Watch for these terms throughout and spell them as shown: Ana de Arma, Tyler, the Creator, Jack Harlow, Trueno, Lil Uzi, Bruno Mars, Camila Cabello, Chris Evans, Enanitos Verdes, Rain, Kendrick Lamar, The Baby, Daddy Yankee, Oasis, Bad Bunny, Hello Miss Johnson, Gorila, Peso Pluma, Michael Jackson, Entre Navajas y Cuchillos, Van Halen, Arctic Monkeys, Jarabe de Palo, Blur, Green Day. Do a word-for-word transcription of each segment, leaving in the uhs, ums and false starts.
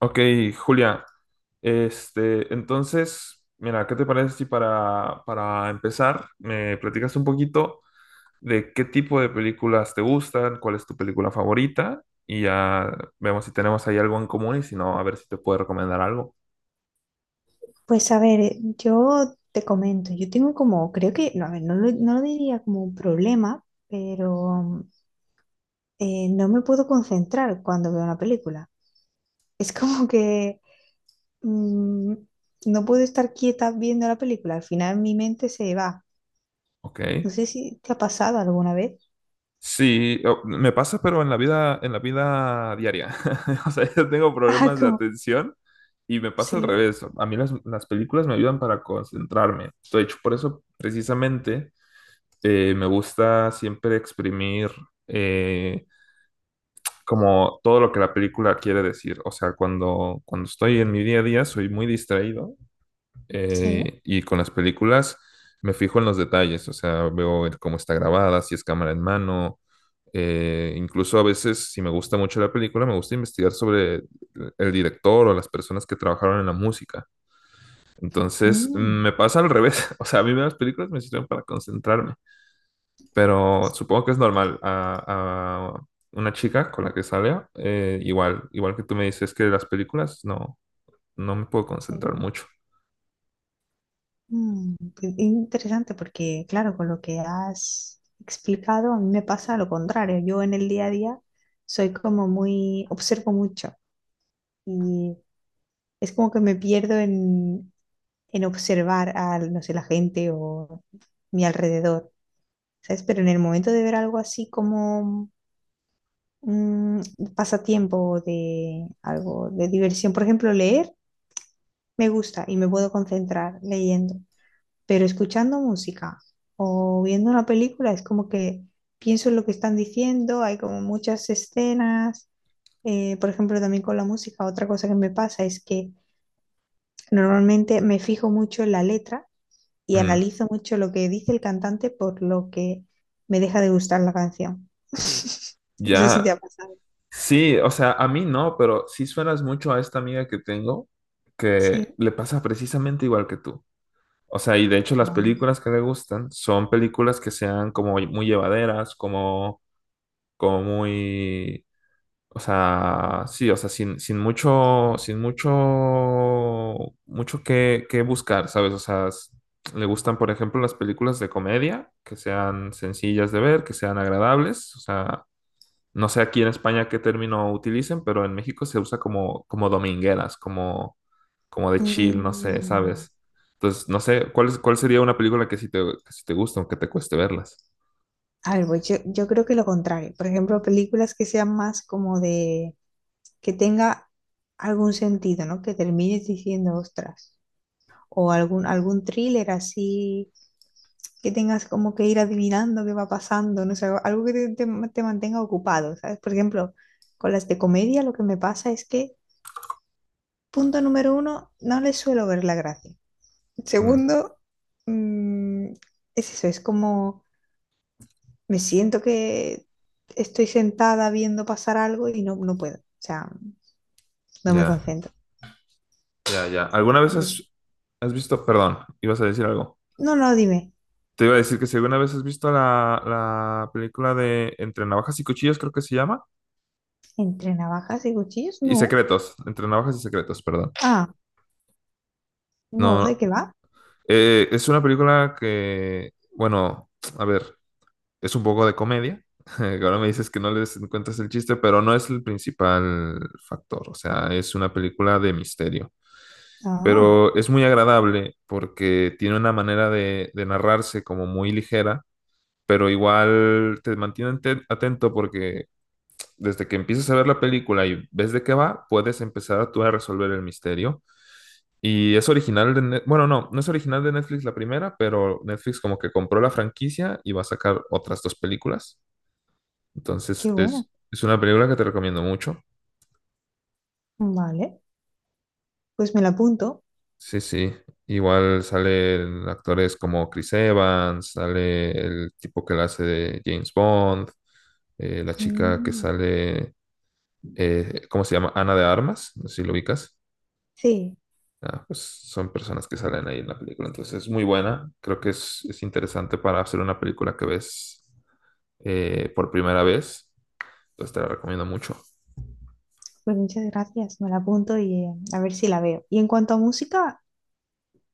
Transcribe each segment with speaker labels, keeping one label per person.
Speaker 1: Ok, Julia, este, entonces, mira, ¿qué te parece si para, para empezar me platicas un poquito de qué tipo de películas te gustan, cuál es tu película favorita y ya vemos si tenemos ahí algo en común y si no, a ver si te puedo recomendar algo?
Speaker 2: Pues a ver, eh, yo te comento, yo tengo como, creo que, no, a ver, no lo, no lo diría como un problema, pero eh, no me puedo concentrar cuando veo una película. Es como que mm, no puedo estar quieta viendo la película, al final mi mente se va.
Speaker 1: Ok.
Speaker 2: No sé si te ha pasado alguna vez.
Speaker 1: Sí, o- me pasa, pero en la vida, en la vida diaria. O sea, yo tengo
Speaker 2: Ah,
Speaker 1: problemas de
Speaker 2: como,
Speaker 1: atención y me pasa al
Speaker 2: sí,
Speaker 1: revés. A mí las, las películas me ayudan para concentrarme. De hecho, por eso precisamente eh, me gusta siempre exprimir eh, como todo lo que la película quiere decir. O sea, cuando, cuando estoy en mi día a día soy muy distraído
Speaker 2: sí,
Speaker 1: eh, y con las películas me fijo en los detalles. O sea, veo el cómo está grabada, si es cámara en mano. Eh, incluso a veces, si me gusta mucho la película, me gusta investigar sobre el director o las personas que trabajaron en la música. Entonces, mm,
Speaker 2: mm,
Speaker 1: me pasa al revés. O sea, a mí las películas me sirven para concentrarme. Pero supongo que es normal a, a una chica con la que salga. eh, igual, igual que tú me dices que las películas no, no me puedo
Speaker 2: sí.
Speaker 1: concentrar mucho.
Speaker 2: Mm, qué interesante porque, claro, con lo que has explicado, a mí me pasa lo contrario. Yo en el día a día soy como muy, observo mucho y es como que me pierdo en, en observar a, no sé, la gente o mi alrededor, ¿sabes? Pero en el momento de ver algo así como mm, un pasatiempo de algo de diversión, por ejemplo, leer, me gusta y me puedo concentrar leyendo. Pero escuchando música o viendo una película es como que pienso en lo que están diciendo, hay como muchas escenas, eh, por ejemplo, también con la música, otra cosa que me pasa es que normalmente me fijo mucho en la letra y
Speaker 1: Mm,
Speaker 2: analizo mucho lo que dice el cantante por lo que me deja de gustar la canción. No sé si te
Speaker 1: ya,
Speaker 2: ha pasado.
Speaker 1: sí, o sea, a mí no, pero sí suenas mucho a esta amiga que tengo que
Speaker 2: Sí.
Speaker 1: le pasa precisamente igual que tú. O sea, y de hecho las
Speaker 2: No.
Speaker 1: películas que le gustan son películas que sean como muy llevaderas. Como, como muy O sea, sí, o sea, sin, sin mucho, sin mucho, mucho que, que buscar, ¿sabes? O sea, s- le gustan, por ejemplo, las películas de comedia, que sean sencillas de ver, que sean agradables. O sea, no sé aquí en España qué término utilicen, pero en México se usa como, como domingueras, como, como de chill, no sé,
Speaker 2: Mm.
Speaker 1: ¿sabes? Entonces, no sé, ¿cuál, es- cuál sería una película que sí te, que sí te gusta, aunque te cueste verlas?
Speaker 2: A ver, pues yo, yo creo que lo contrario. Por ejemplo, películas que sean más como de que tenga algún sentido, ¿no? Que termines diciendo, ostras, o algún, algún thriller así, que tengas como que ir adivinando qué va pasando, no sé, algo que te, te- te mantenga ocupado, ¿sabes? Por ejemplo, con las de comedia lo que me pasa es que, punto número uno, no les suelo ver la gracia.
Speaker 1: Mm,
Speaker 2: Segundo, mm, es eso, es como me siento que estoy sentada viendo pasar algo y no, no puedo, o sea, no me
Speaker 1: ya,
Speaker 2: concentro.
Speaker 1: ya, ya. ¿Alguna vez
Speaker 2: No,
Speaker 1: has,
Speaker 2: sé.
Speaker 1: has visto, perdón, ibas a decir algo?
Speaker 2: No, no, dime.
Speaker 1: Te iba a decir que si alguna vez has visto la, la película de Entre Navajas y Cuchillos, creo que se llama,
Speaker 2: ¿Entre navajas y cuchillos?
Speaker 1: y
Speaker 2: No.
Speaker 1: Secretos, Entre Navajas y Secretos, perdón.
Speaker 2: Ah, no,
Speaker 1: No,
Speaker 2: ¿de
Speaker 1: no.
Speaker 2: qué va?
Speaker 1: Eh, es una película que, bueno, a ver, es un poco de comedia. Que ahora me dices que no les encuentras el chiste, pero no es el principal factor. O sea, es una película de misterio.
Speaker 2: Ah,
Speaker 1: Pero es muy agradable porque tiene una manera de de narrarse como muy ligera, pero igual te mantiene te- atento porque desde que empiezas a ver la película y ves de qué va, puedes empezar tú a resolver el misterio. Y es original de, Net- bueno, no, no es original de Netflix la primera, pero Netflix como que compró la franquicia y va a sacar otras dos películas. Entonces
Speaker 2: qué buena.
Speaker 1: es, es una película que te recomiendo mucho.
Speaker 2: Vale, pues me la apunto.
Speaker 1: Sí, sí. Igual salen actores como Chris Evans, sale el tipo que la hace de James Bond, eh, la chica que
Speaker 2: Mm,
Speaker 1: sale, eh, ¿cómo se llama? Ana de Armas, no sé si lo ubicas.
Speaker 2: sí,
Speaker 1: Ah, pues son personas que salen ahí en la película, entonces es muy buena. Creo que es, es interesante para hacer una película que ves eh, por primera vez. Entonces te la recomiendo mucho.
Speaker 2: pues muchas gracias. Me la apunto y eh, a ver si la veo. Y en cuanto a música,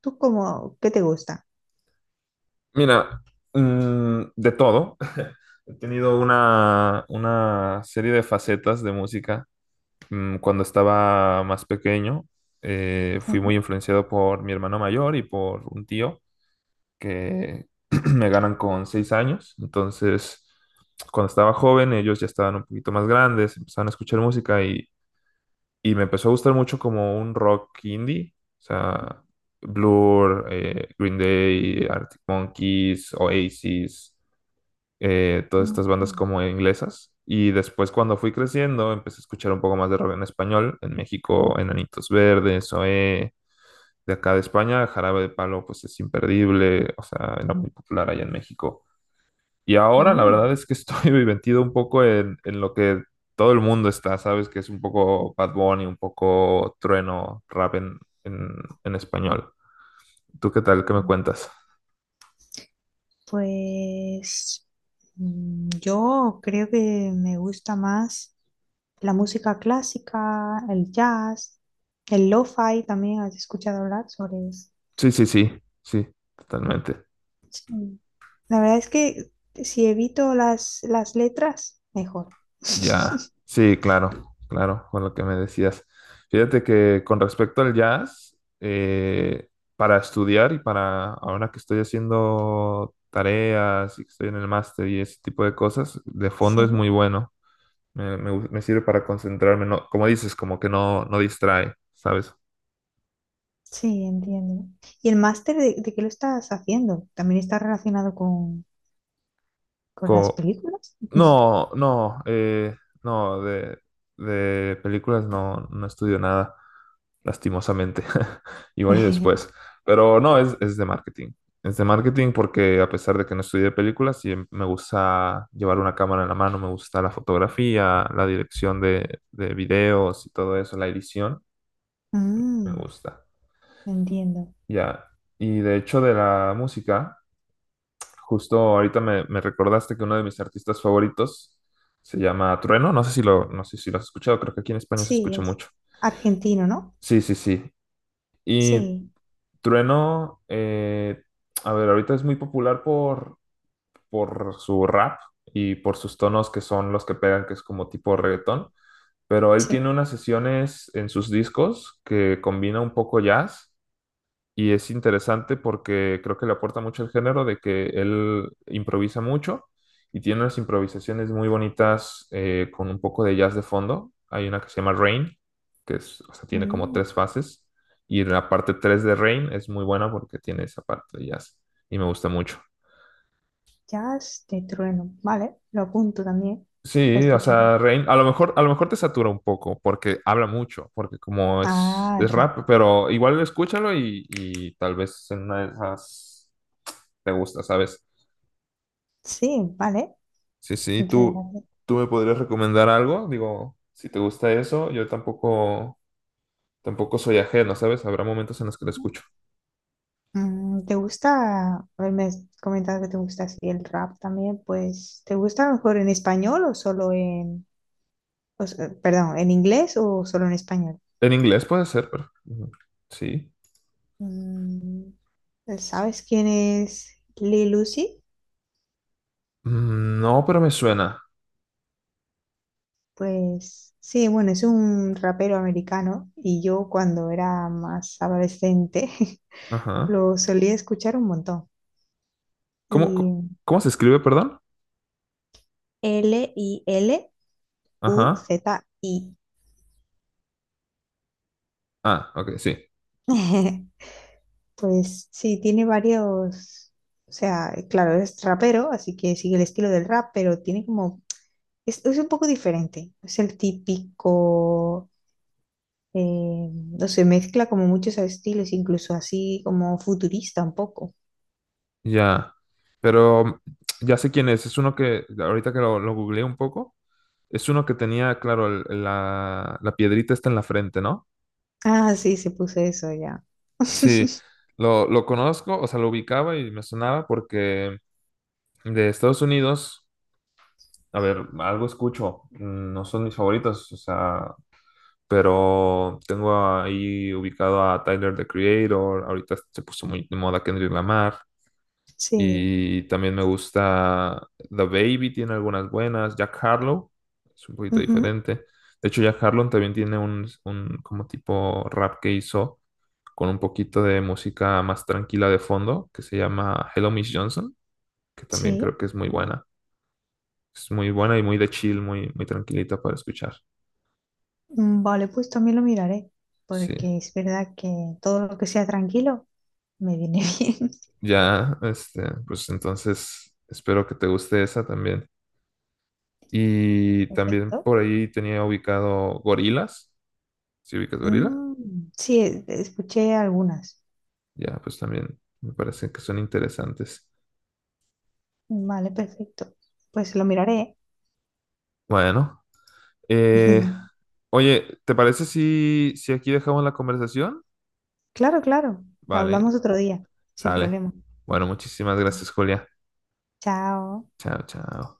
Speaker 2: ¿tú cómo, qué te gusta?
Speaker 1: Mira, mm, de todo. He tenido una, una serie de facetas de música. Mm, cuando estaba más pequeño, eh,
Speaker 2: Sí.
Speaker 1: fui muy influenciado por mi hermano mayor y por un tío, que me ganan con seis años. Entonces, cuando estaba joven, ellos ya estaban un poquito más grandes, empezaban a escuchar música y, y me empezó a gustar mucho como un rock indie, o sea, Blur, eh, Green Day, Arctic Monkeys, Oasis, eh, todas estas bandas
Speaker 2: Mm,
Speaker 1: como inglesas. Y después cuando fui creciendo, empecé a escuchar un poco más de rock en español, en México, Enanitos Verdes, O E, de acá de España, Jarabe de Palo, pues es imperdible, o sea, era muy popular allá en México. Y ahora la
Speaker 2: mm,
Speaker 1: verdad es que estoy metido un poco en, en lo que todo el mundo está, ¿sabes? Que es un poco Bad Bunny, un poco trueno, rap en, en, en español. ¿Tú qué tal? ¿Qué me cuentas?
Speaker 2: pues mm, yo creo que me gusta más la música clásica, el jazz, el lo-fi también. ¿Has escuchado hablar sobre eso?
Speaker 1: Sí, sí, sí, sí, totalmente.
Speaker 2: Sí. La verdad es que si evito las, las letras, mejor.
Speaker 1: Ya, sí, claro, claro, con lo que me decías. Fíjate que con respecto al jazz, eh, para estudiar y para ahora que estoy haciendo tareas y que estoy en el máster y ese tipo de cosas, de fondo es
Speaker 2: Sí,
Speaker 1: muy bueno. Me, me gu- me sirve para concentrarme, no, como dices, como que no, no distrae, ¿sabes?
Speaker 2: sí, entiendo. ¿Y el máster de, de qué lo estás haciendo? ¿También está relacionado con, con las
Speaker 1: Co-
Speaker 2: películas?
Speaker 1: No, no, eh, no, de, de películas no, no estudio nada, lastimosamente. Igual y después. Pero no, es, es de marketing. Es de marketing porque a pesar de que no estudié películas, sí me gusta llevar una cámara en la mano, me gusta la fotografía, la dirección de, de videos y todo eso, la edición, me
Speaker 2: Mm,
Speaker 1: gusta.
Speaker 2: entiendo.
Speaker 1: Ya. Y de hecho de la música. Justo ahorita me, me recordaste que uno de mis artistas favoritos se llama Trueno. No sé si lo, no sé si lo has escuchado, creo que aquí en España se
Speaker 2: Sí,
Speaker 1: escucha
Speaker 2: es
Speaker 1: mucho.
Speaker 2: argentino, ¿no?
Speaker 1: Sí, sí, sí. Y
Speaker 2: Sí,
Speaker 1: Trueno, eh, a ver, ahorita es muy popular por, por su rap y por sus tonos que son los que pegan, que es como tipo reggaetón. Pero él
Speaker 2: sí.
Speaker 1: tiene unas sesiones en sus discos que combina un poco jazz. Y es interesante porque creo que le aporta mucho al género de que él improvisa mucho y tiene unas improvisaciones muy bonitas eh, con un poco de jazz de fondo. Hay una que se llama Rain, que es, o sea, tiene como
Speaker 2: Mm,
Speaker 1: tres fases. Y la parte tres de Rain es muy buena porque tiene esa parte de jazz y me gusta mucho.
Speaker 2: jazz de trueno. Vale, lo apunto también. Lo
Speaker 1: Sí, o
Speaker 2: escucharé.
Speaker 1: sea, Rain, a lo mejor, a lo mejor te satura un poco porque habla mucho, porque como es,
Speaker 2: Ah,
Speaker 1: es
Speaker 2: claro.
Speaker 1: rap, pero igual escúchalo y, y, tal vez en una de esas te gusta, ¿sabes?
Speaker 2: Sí, vale.
Speaker 1: Sí, sí,
Speaker 2: Muchas
Speaker 1: tú,
Speaker 2: gracias.
Speaker 1: tú me podrías recomendar algo, digo, si te gusta eso, yo tampoco, tampoco soy ajeno, ¿sabes? Habrá momentos en los que lo escucho.
Speaker 2: Mm, ¿te gusta? A ver, me has comentado que te gusta así el rap también, pues ¿te gusta mejor en español o solo en, o s- eh, perdón, en inglés o solo en español?
Speaker 1: En inglés puede ser, pero ujú, sí.
Speaker 2: Mm, ¿sabes quién es Lil Uzi?
Speaker 1: Mm, no, pero me suena.
Speaker 2: Pues sí, bueno, es un rapero americano y yo cuando era más adolescente
Speaker 1: Ajá.
Speaker 2: lo solía escuchar un montón.
Speaker 1: ¿Cómo,
Speaker 2: Y
Speaker 1: co- cómo se escribe, perdón? Ajá.
Speaker 2: L I L U Z I.
Speaker 1: Ah, ok, sí.
Speaker 2: Pues sí, tiene varios, o sea, claro, es rapero, así que sigue el estilo del rap, pero tiene como, es, es un poco diferente, es el típico, eh, no sé, mezcla como muchos estilos, incluso así como futurista un poco.
Speaker 1: Ya. Pero mm, ya sé quién es. Es uno que, ahorita que lo, lo googleé un poco, es uno que tenía, claro, el- la, la piedrita está en la frente, ¿no?
Speaker 2: Ah, sí, se puso eso ya.
Speaker 1: Sí, lo, lo conozco, o sea, lo ubicaba y me sonaba porque de Estados Unidos, a ver, algo escucho, mm, no son mis favoritos, o sea, pero tengo ahí ubicado a Tyler, the Creator, ahorita se puso muy de moda Kendrick Lamar,
Speaker 2: Sí,
Speaker 1: y también me gusta The Baby, tiene algunas buenas. Jack Harlow, es un poquito
Speaker 2: ujú,
Speaker 1: diferente. De hecho, Jack Harlow también tiene un, un como tipo rap que hizo con un poquito de música más tranquila de fondo, que se llama Hello Miss Johnson, que también
Speaker 2: sí,
Speaker 1: creo que es muy buena. Es muy buena y muy de chill, muy, muy tranquilita para escuchar.
Speaker 2: mm, vale, pues también lo miraré,
Speaker 1: Sí.
Speaker 2: porque es verdad que todo lo que sea tranquilo me viene bien.
Speaker 1: Ya, este, pues entonces espero que te guste esa también. Y también
Speaker 2: Perfecto.
Speaker 1: por ahí tenía ubicado Gorilas. ¿Sí ubicas gorila?
Speaker 2: Mm, sí, e- escuché algunas.
Speaker 1: Ya, pues también me parecen que son interesantes.
Speaker 2: Vale, perfecto. Pues lo miraré.
Speaker 1: Bueno, eh, oye, ¿te parece si, si, aquí dejamos la conversación?
Speaker 2: Claro, claro.
Speaker 1: Vale,
Speaker 2: Hablamos otro día, sin
Speaker 1: sale.
Speaker 2: problema.
Speaker 1: Bueno, muchísimas gracias, Julia.
Speaker 2: Chao.
Speaker 1: Chao, chao.